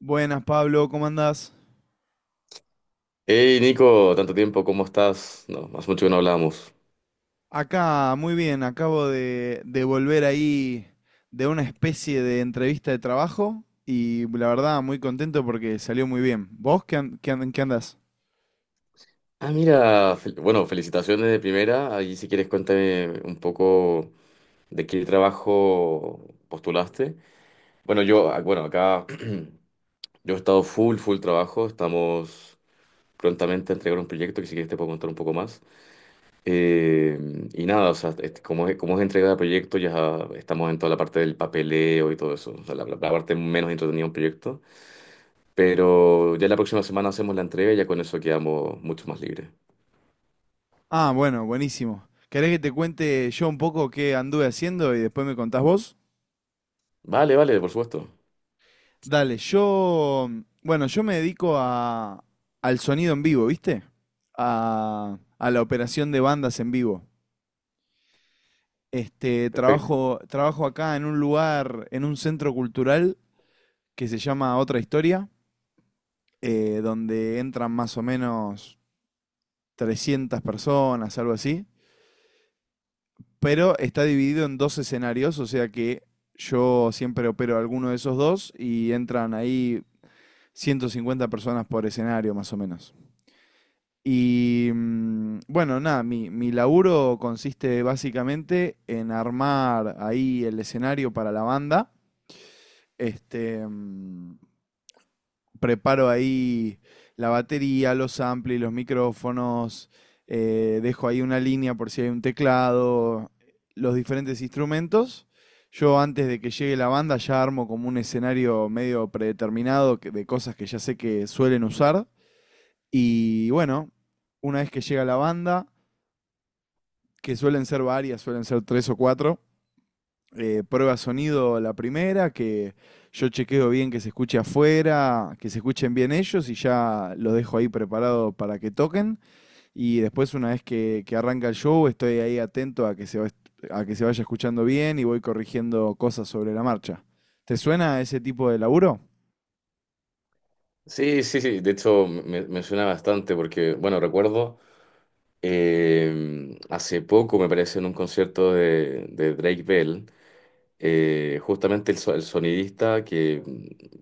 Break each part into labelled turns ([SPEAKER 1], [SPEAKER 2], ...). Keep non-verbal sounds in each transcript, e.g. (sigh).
[SPEAKER 1] Buenas, Pablo, ¿cómo andás?
[SPEAKER 2] Hey Nico, tanto tiempo, ¿cómo estás? No, hace mucho que no hablábamos.
[SPEAKER 1] Acá, muy bien, acabo de volver ahí de una especie de entrevista de trabajo y la verdad muy contento porque salió muy bien. ¿Vos en qué andás?
[SPEAKER 2] Mira, bueno, felicitaciones de primera. Allí si quieres cuéntame un poco de qué trabajo postulaste. Bueno, yo, bueno, acá (clears throat) yo he estado full trabajo. Estamos prontamente a entregar un proyecto que si quieres te puedo contar un poco más. Eh, y nada, o sea, este, como es entrega de proyecto, ya estamos en toda la parte del papeleo y todo eso. O sea, la parte menos entretenida de un proyecto. Pero ya la próxima semana hacemos la entrega y ya con eso quedamos mucho más libres.
[SPEAKER 1] Ah, bueno, buenísimo. ¿Querés que te cuente yo un poco qué anduve haciendo y después me contás vos?
[SPEAKER 2] Vale, vale, por supuesto.
[SPEAKER 1] Dale, bueno, yo me dedico al sonido en vivo, ¿viste? A la operación de bandas en vivo. Este,
[SPEAKER 2] Perfecto.
[SPEAKER 1] trabajo, trabajo acá en un lugar, en un centro cultural que se llama Otra Historia, donde entran más o menos 300 personas, algo así, pero está dividido en dos escenarios, o sea que yo siempre opero alguno de esos dos y entran ahí 150 personas por escenario, más o menos. Y, bueno, nada, mi laburo consiste básicamente en armar ahí el escenario para la banda. Este, mm, Preparo ahí la batería, los amplis, los micrófonos, dejo ahí una línea por si hay un teclado, los diferentes instrumentos. Yo antes de que llegue la banda ya armo como un escenario medio predeterminado de cosas que ya sé que suelen usar. Y bueno, una vez que llega la banda, que suelen ser varias, suelen ser tres o cuatro, prueba sonido la primera, que yo chequeo bien que se escuche afuera, que se escuchen bien ellos y ya lo dejo ahí preparado para que toquen. Y después, una vez que arranca el show, estoy ahí atento a que se vaya escuchando bien y voy corrigiendo cosas sobre la marcha. ¿Te suena ese tipo de laburo?
[SPEAKER 2] Sí, sí, sí. De hecho, me suena bastante porque, bueno, recuerdo. Hace poco me parece en un concierto de Drake Bell, justamente el sonidista que,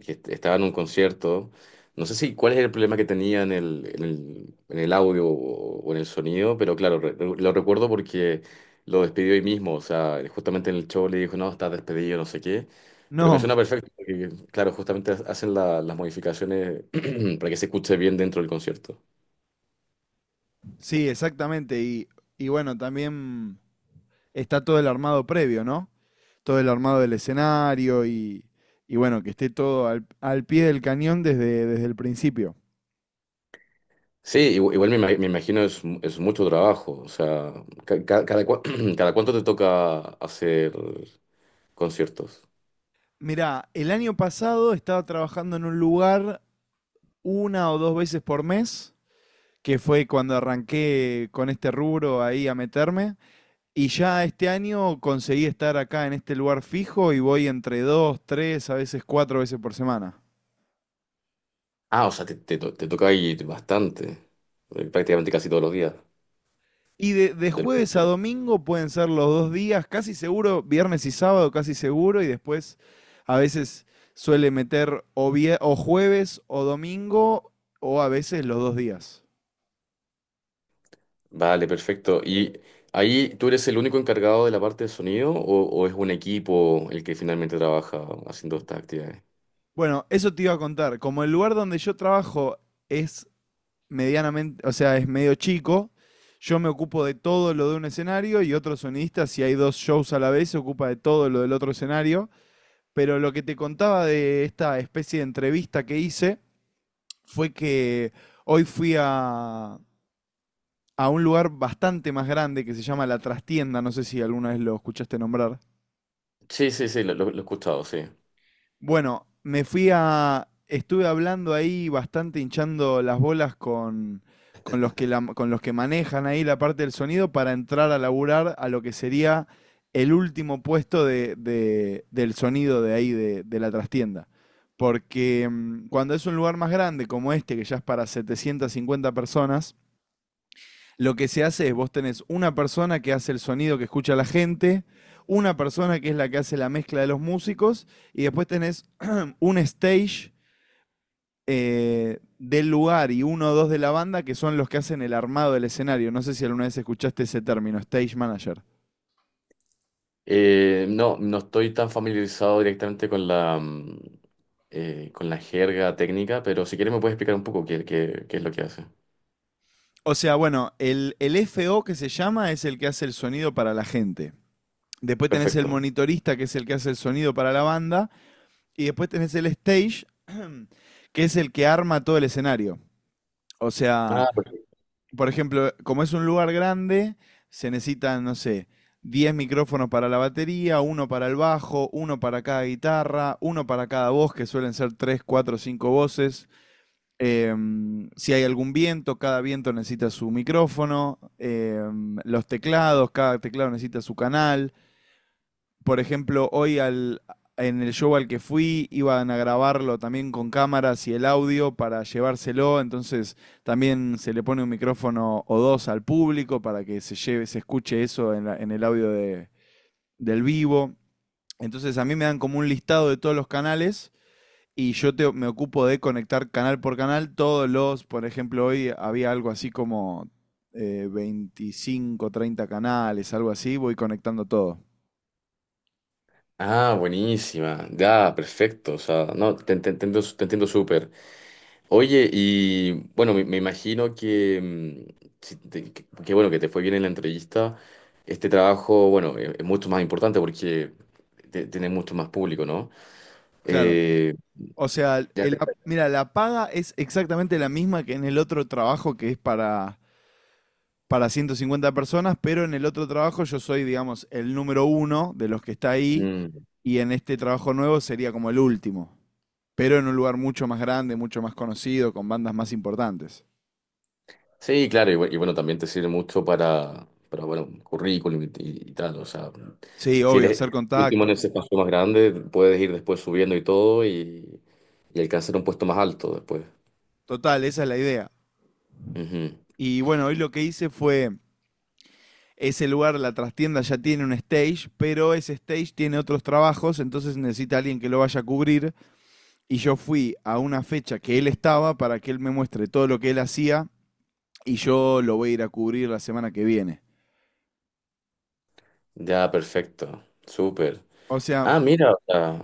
[SPEAKER 2] que est- estaba en un concierto, no sé si cuál es el problema que tenía en en el audio o en el sonido, pero claro, lo recuerdo porque lo despidió hoy mismo, o sea, justamente en el show le dijo, no, estás despedido, no sé qué, pero me
[SPEAKER 1] No,
[SPEAKER 2] suena perfecto, porque claro, justamente hacen las modificaciones (clears throat) para que se escuche bien dentro del concierto.
[SPEAKER 1] sí, exactamente. Y bueno, también está todo el armado previo, ¿no? Todo el armado del escenario y bueno, que esté todo al pie del cañón desde el principio.
[SPEAKER 2] Sí, igual me imagino es, es mucho trabajo. O sea, ca- ca- cada, cua- (clears throat) cada cuánto te toca hacer conciertos.
[SPEAKER 1] Mirá, el año pasado estaba trabajando en un lugar una o dos veces por mes, que fue cuando arranqué con este rubro ahí a meterme. Y ya este año conseguí estar acá en este lugar fijo y voy entre dos, tres, a veces cuatro veces por semana.
[SPEAKER 2] Ah, o sea, te toca ir bastante, prácticamente casi todos los días
[SPEAKER 1] Y de
[SPEAKER 2] de lunes a
[SPEAKER 1] jueves a
[SPEAKER 2] viernes.
[SPEAKER 1] domingo pueden ser los dos días, casi seguro, viernes y sábado, casi seguro, y después a veces suele meter o, o jueves o domingo, o a veces los dos días.
[SPEAKER 2] Vale, perfecto. ¿Y ahí tú eres el único encargado de la parte de sonido o es un equipo el que finalmente trabaja haciendo estas actividades?
[SPEAKER 1] Bueno, eso te iba a contar. Como el lugar donde yo trabajo es medianamente, o sea, es medio chico, yo me ocupo de todo lo de un escenario y otro sonidista, si hay dos shows a la vez, se ocupa de todo lo del otro escenario. Pero lo que te contaba de esta especie de entrevista que hice fue que hoy fui a un lugar bastante más grande que se llama La Trastienda, no sé si alguna vez lo escuchaste nombrar.
[SPEAKER 2] Sí, sí, sí, lo he escuchado, sí.
[SPEAKER 1] Bueno, me fui a... Estuve hablando ahí bastante hinchando las bolas con con los que manejan ahí la parte del sonido para entrar a laburar a lo que sería el último puesto del sonido de ahí, de la trastienda. Porque cuando es un lugar más grande como este, que ya es para 750 personas, lo que se hace es vos tenés una persona que hace el sonido que escucha la gente, una persona que es la que hace la mezcla de los músicos y después tenés (clears throat) (coughs) un stage del lugar y uno o dos de la banda que son los que hacen el armado del escenario. No sé si alguna vez escuchaste ese término, stage manager.
[SPEAKER 2] No, no estoy tan familiarizado directamente con la con la jerga técnica, pero si quieres me puedes explicar un poco qué es lo que hace.
[SPEAKER 1] O sea, bueno, el FO que se llama es el que hace el sonido para la gente. Después tenés el
[SPEAKER 2] Perfecto.
[SPEAKER 1] monitorista, que es el que hace el sonido para la banda. Y después tenés el stage, (clears throat) (coughs) que es el que arma todo el escenario. O sea,
[SPEAKER 2] Ah, perfecto.
[SPEAKER 1] por ejemplo, como es un lugar grande, se necesitan, no sé, 10 micrófonos para la batería, uno para el bajo, uno para cada guitarra, uno para cada voz, que suelen ser 3, 4, 5 voces. Si hay algún viento, cada viento necesita su micrófono. Los teclados, cada teclado necesita su canal. Por ejemplo, en el show al que fui iban a grabarlo también con cámaras y el audio para llevárselo, entonces también se le pone un micrófono o dos al público para que se lleve, se escuche eso en, en el audio del vivo. Entonces a mí me dan como un listado de todos los canales y yo me ocupo de conectar canal por canal todos los, por ejemplo, hoy había algo así como 25, 30 canales, algo así, voy conectando todo.
[SPEAKER 2] Ah, buenísima. Ya, perfecto. O sea, no, te entiendo súper. Oye, y bueno, me imagino que, mm, si te- que bueno, que te fue bien en la entrevista. Este trabajo, bueno, es mucho más importante porque tiene mucho más público, ¿no?
[SPEAKER 1] Claro.
[SPEAKER 2] Eh,
[SPEAKER 1] O sea,
[SPEAKER 2] ya te-
[SPEAKER 1] mira, la paga es exactamente la misma que en el otro trabajo que es para, 150 personas, pero en el otro trabajo yo soy, digamos, el número uno de los que está ahí
[SPEAKER 2] mm.
[SPEAKER 1] y en este trabajo nuevo sería como el último, pero en un lugar mucho más grande, mucho más conocido, con bandas más importantes.
[SPEAKER 2] Sí, claro, y bueno, también te sirve mucho para bueno, currículum tal, o sea,
[SPEAKER 1] Sí,
[SPEAKER 2] si
[SPEAKER 1] obvio,
[SPEAKER 2] eres
[SPEAKER 1] hacer
[SPEAKER 2] último en
[SPEAKER 1] contactos.
[SPEAKER 2] ese paso más grande, puedes ir después subiendo y todo y alcanzar un puesto más alto después.
[SPEAKER 1] Total, esa es la idea.
[SPEAKER 2] Ujú.
[SPEAKER 1] Y bueno, hoy lo que hice fue... Ese lugar, la trastienda ya tiene un stage, pero ese stage tiene otros trabajos, entonces necesita alguien que lo vaya a cubrir. Y yo fui a una fecha que él estaba para que él me muestre todo lo que él hacía y yo lo voy a ir a cubrir la semana que viene.
[SPEAKER 2] Ya, perfecto, súper.
[SPEAKER 1] O sea,
[SPEAKER 2] Ah, mira, o sea,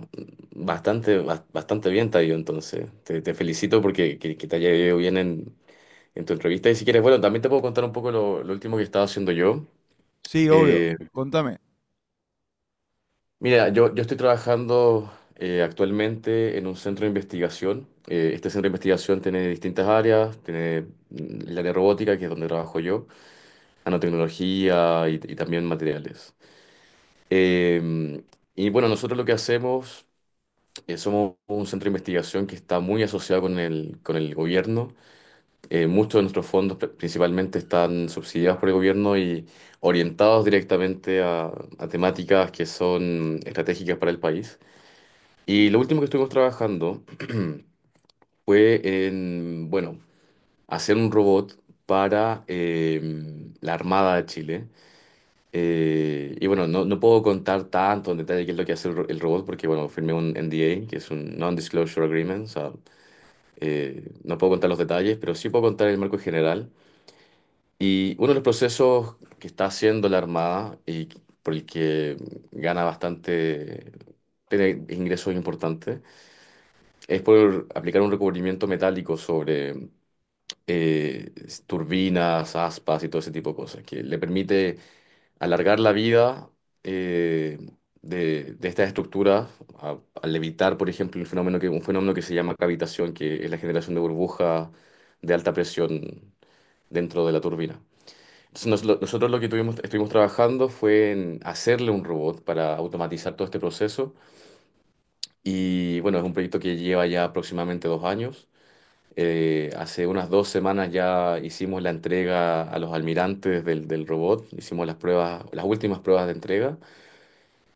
[SPEAKER 2] bastante bien te ha ido entonces, te felicito porque que te haya ido bien en tu entrevista y si quieres, bueno, también te puedo contar un poco lo último que estaba haciendo yo.
[SPEAKER 1] sí, obvio.
[SPEAKER 2] Eh,
[SPEAKER 1] Contame.
[SPEAKER 2] Mira, yo estoy trabajando actualmente en un centro de investigación. Este centro de investigación tiene distintas áreas, tiene el área robótica, que es donde trabajo yo, nanotecnología y también materiales. Eh, y bueno, nosotros lo que hacemos, somos un centro de investigación que está muy asociado con con el gobierno. Muchos de nuestros fondos principalmente están subsidiados por el gobierno y orientados directamente a temáticas que son estratégicas para el país. Y lo último que estuvimos trabajando fue en, bueno, hacer un robot para la Armada de Chile. Y bueno, no, no puedo contar tanto en detalle qué es lo que hace el robot porque, bueno, firmé un NDA, que es un Non-Disclosure Agreement. O sea, no puedo contar los detalles, pero sí puedo contar el marco general. Y uno de los procesos que está haciendo la Armada y por el que gana bastante, tiene ingresos importantes, es por aplicar un recubrimiento metálico sobre eh, turbinas, aspas y todo ese tipo de cosas, que le permite alargar la vida, eh, de estas estructuras al evitar, por ejemplo, un fenómeno que se llama cavitación, que es la generación de burbujas de alta presión dentro de la turbina. Entonces, nosotros estuvimos trabajando fue en hacerle un robot para automatizar todo este proceso. Y bueno, es un proyecto que lleva ya aproximadamente dos años. Hace unas dos semanas ya hicimos la entrega a los almirantes del robot, hicimos las pruebas, las últimas pruebas de entrega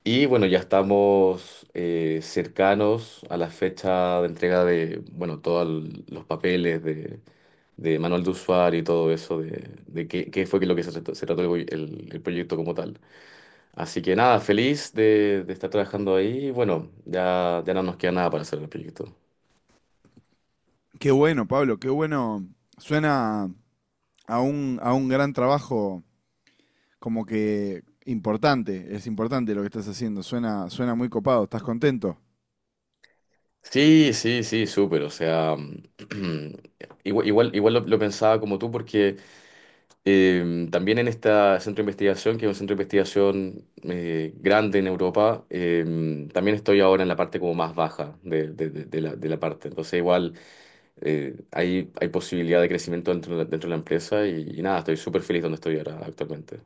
[SPEAKER 2] y bueno, ya estamos cercanos a la fecha de entrega de, bueno, todos los papeles de manual de usuario y todo eso, de qué, qué fue que lo que se trató el proyecto como tal. Así que nada, feliz de estar trabajando ahí y bueno, ya, ya no nos queda nada para hacer el proyecto.
[SPEAKER 1] Qué bueno, Pablo, qué bueno. Suena a un gran trabajo como que importante, es importante lo que estás haciendo. Suena, suena muy copado, ¿estás contento?
[SPEAKER 2] Sí, sí, sí, súper. O sea, (clears throat) igual, igual, igual lo pensaba como tú, porque también en este centro de investigación, que es un centro de investigación grande en Europa, también estoy ahora en la parte como más baja de la parte. Entonces, igual hay, hay posibilidad de crecimiento dentro, dentro de la empresa y nada, estoy súper feliz donde estoy ahora actualmente.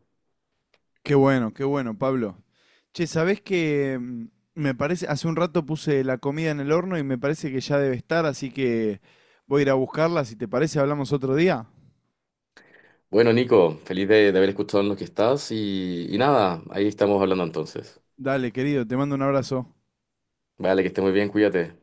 [SPEAKER 1] Qué bueno, Pablo. Che, ¿sabés que me parece, hace un rato puse la comida en el horno y me parece que ya debe estar, así que voy a ir a buscarla. Si te parece, hablamos otro día.
[SPEAKER 2] Bueno, Nico, feliz de haber escuchado en lo que estás y nada, ahí estamos hablando entonces.
[SPEAKER 1] Dale, querido, te mando un abrazo.
[SPEAKER 2] Vale, que estés muy bien, cuídate.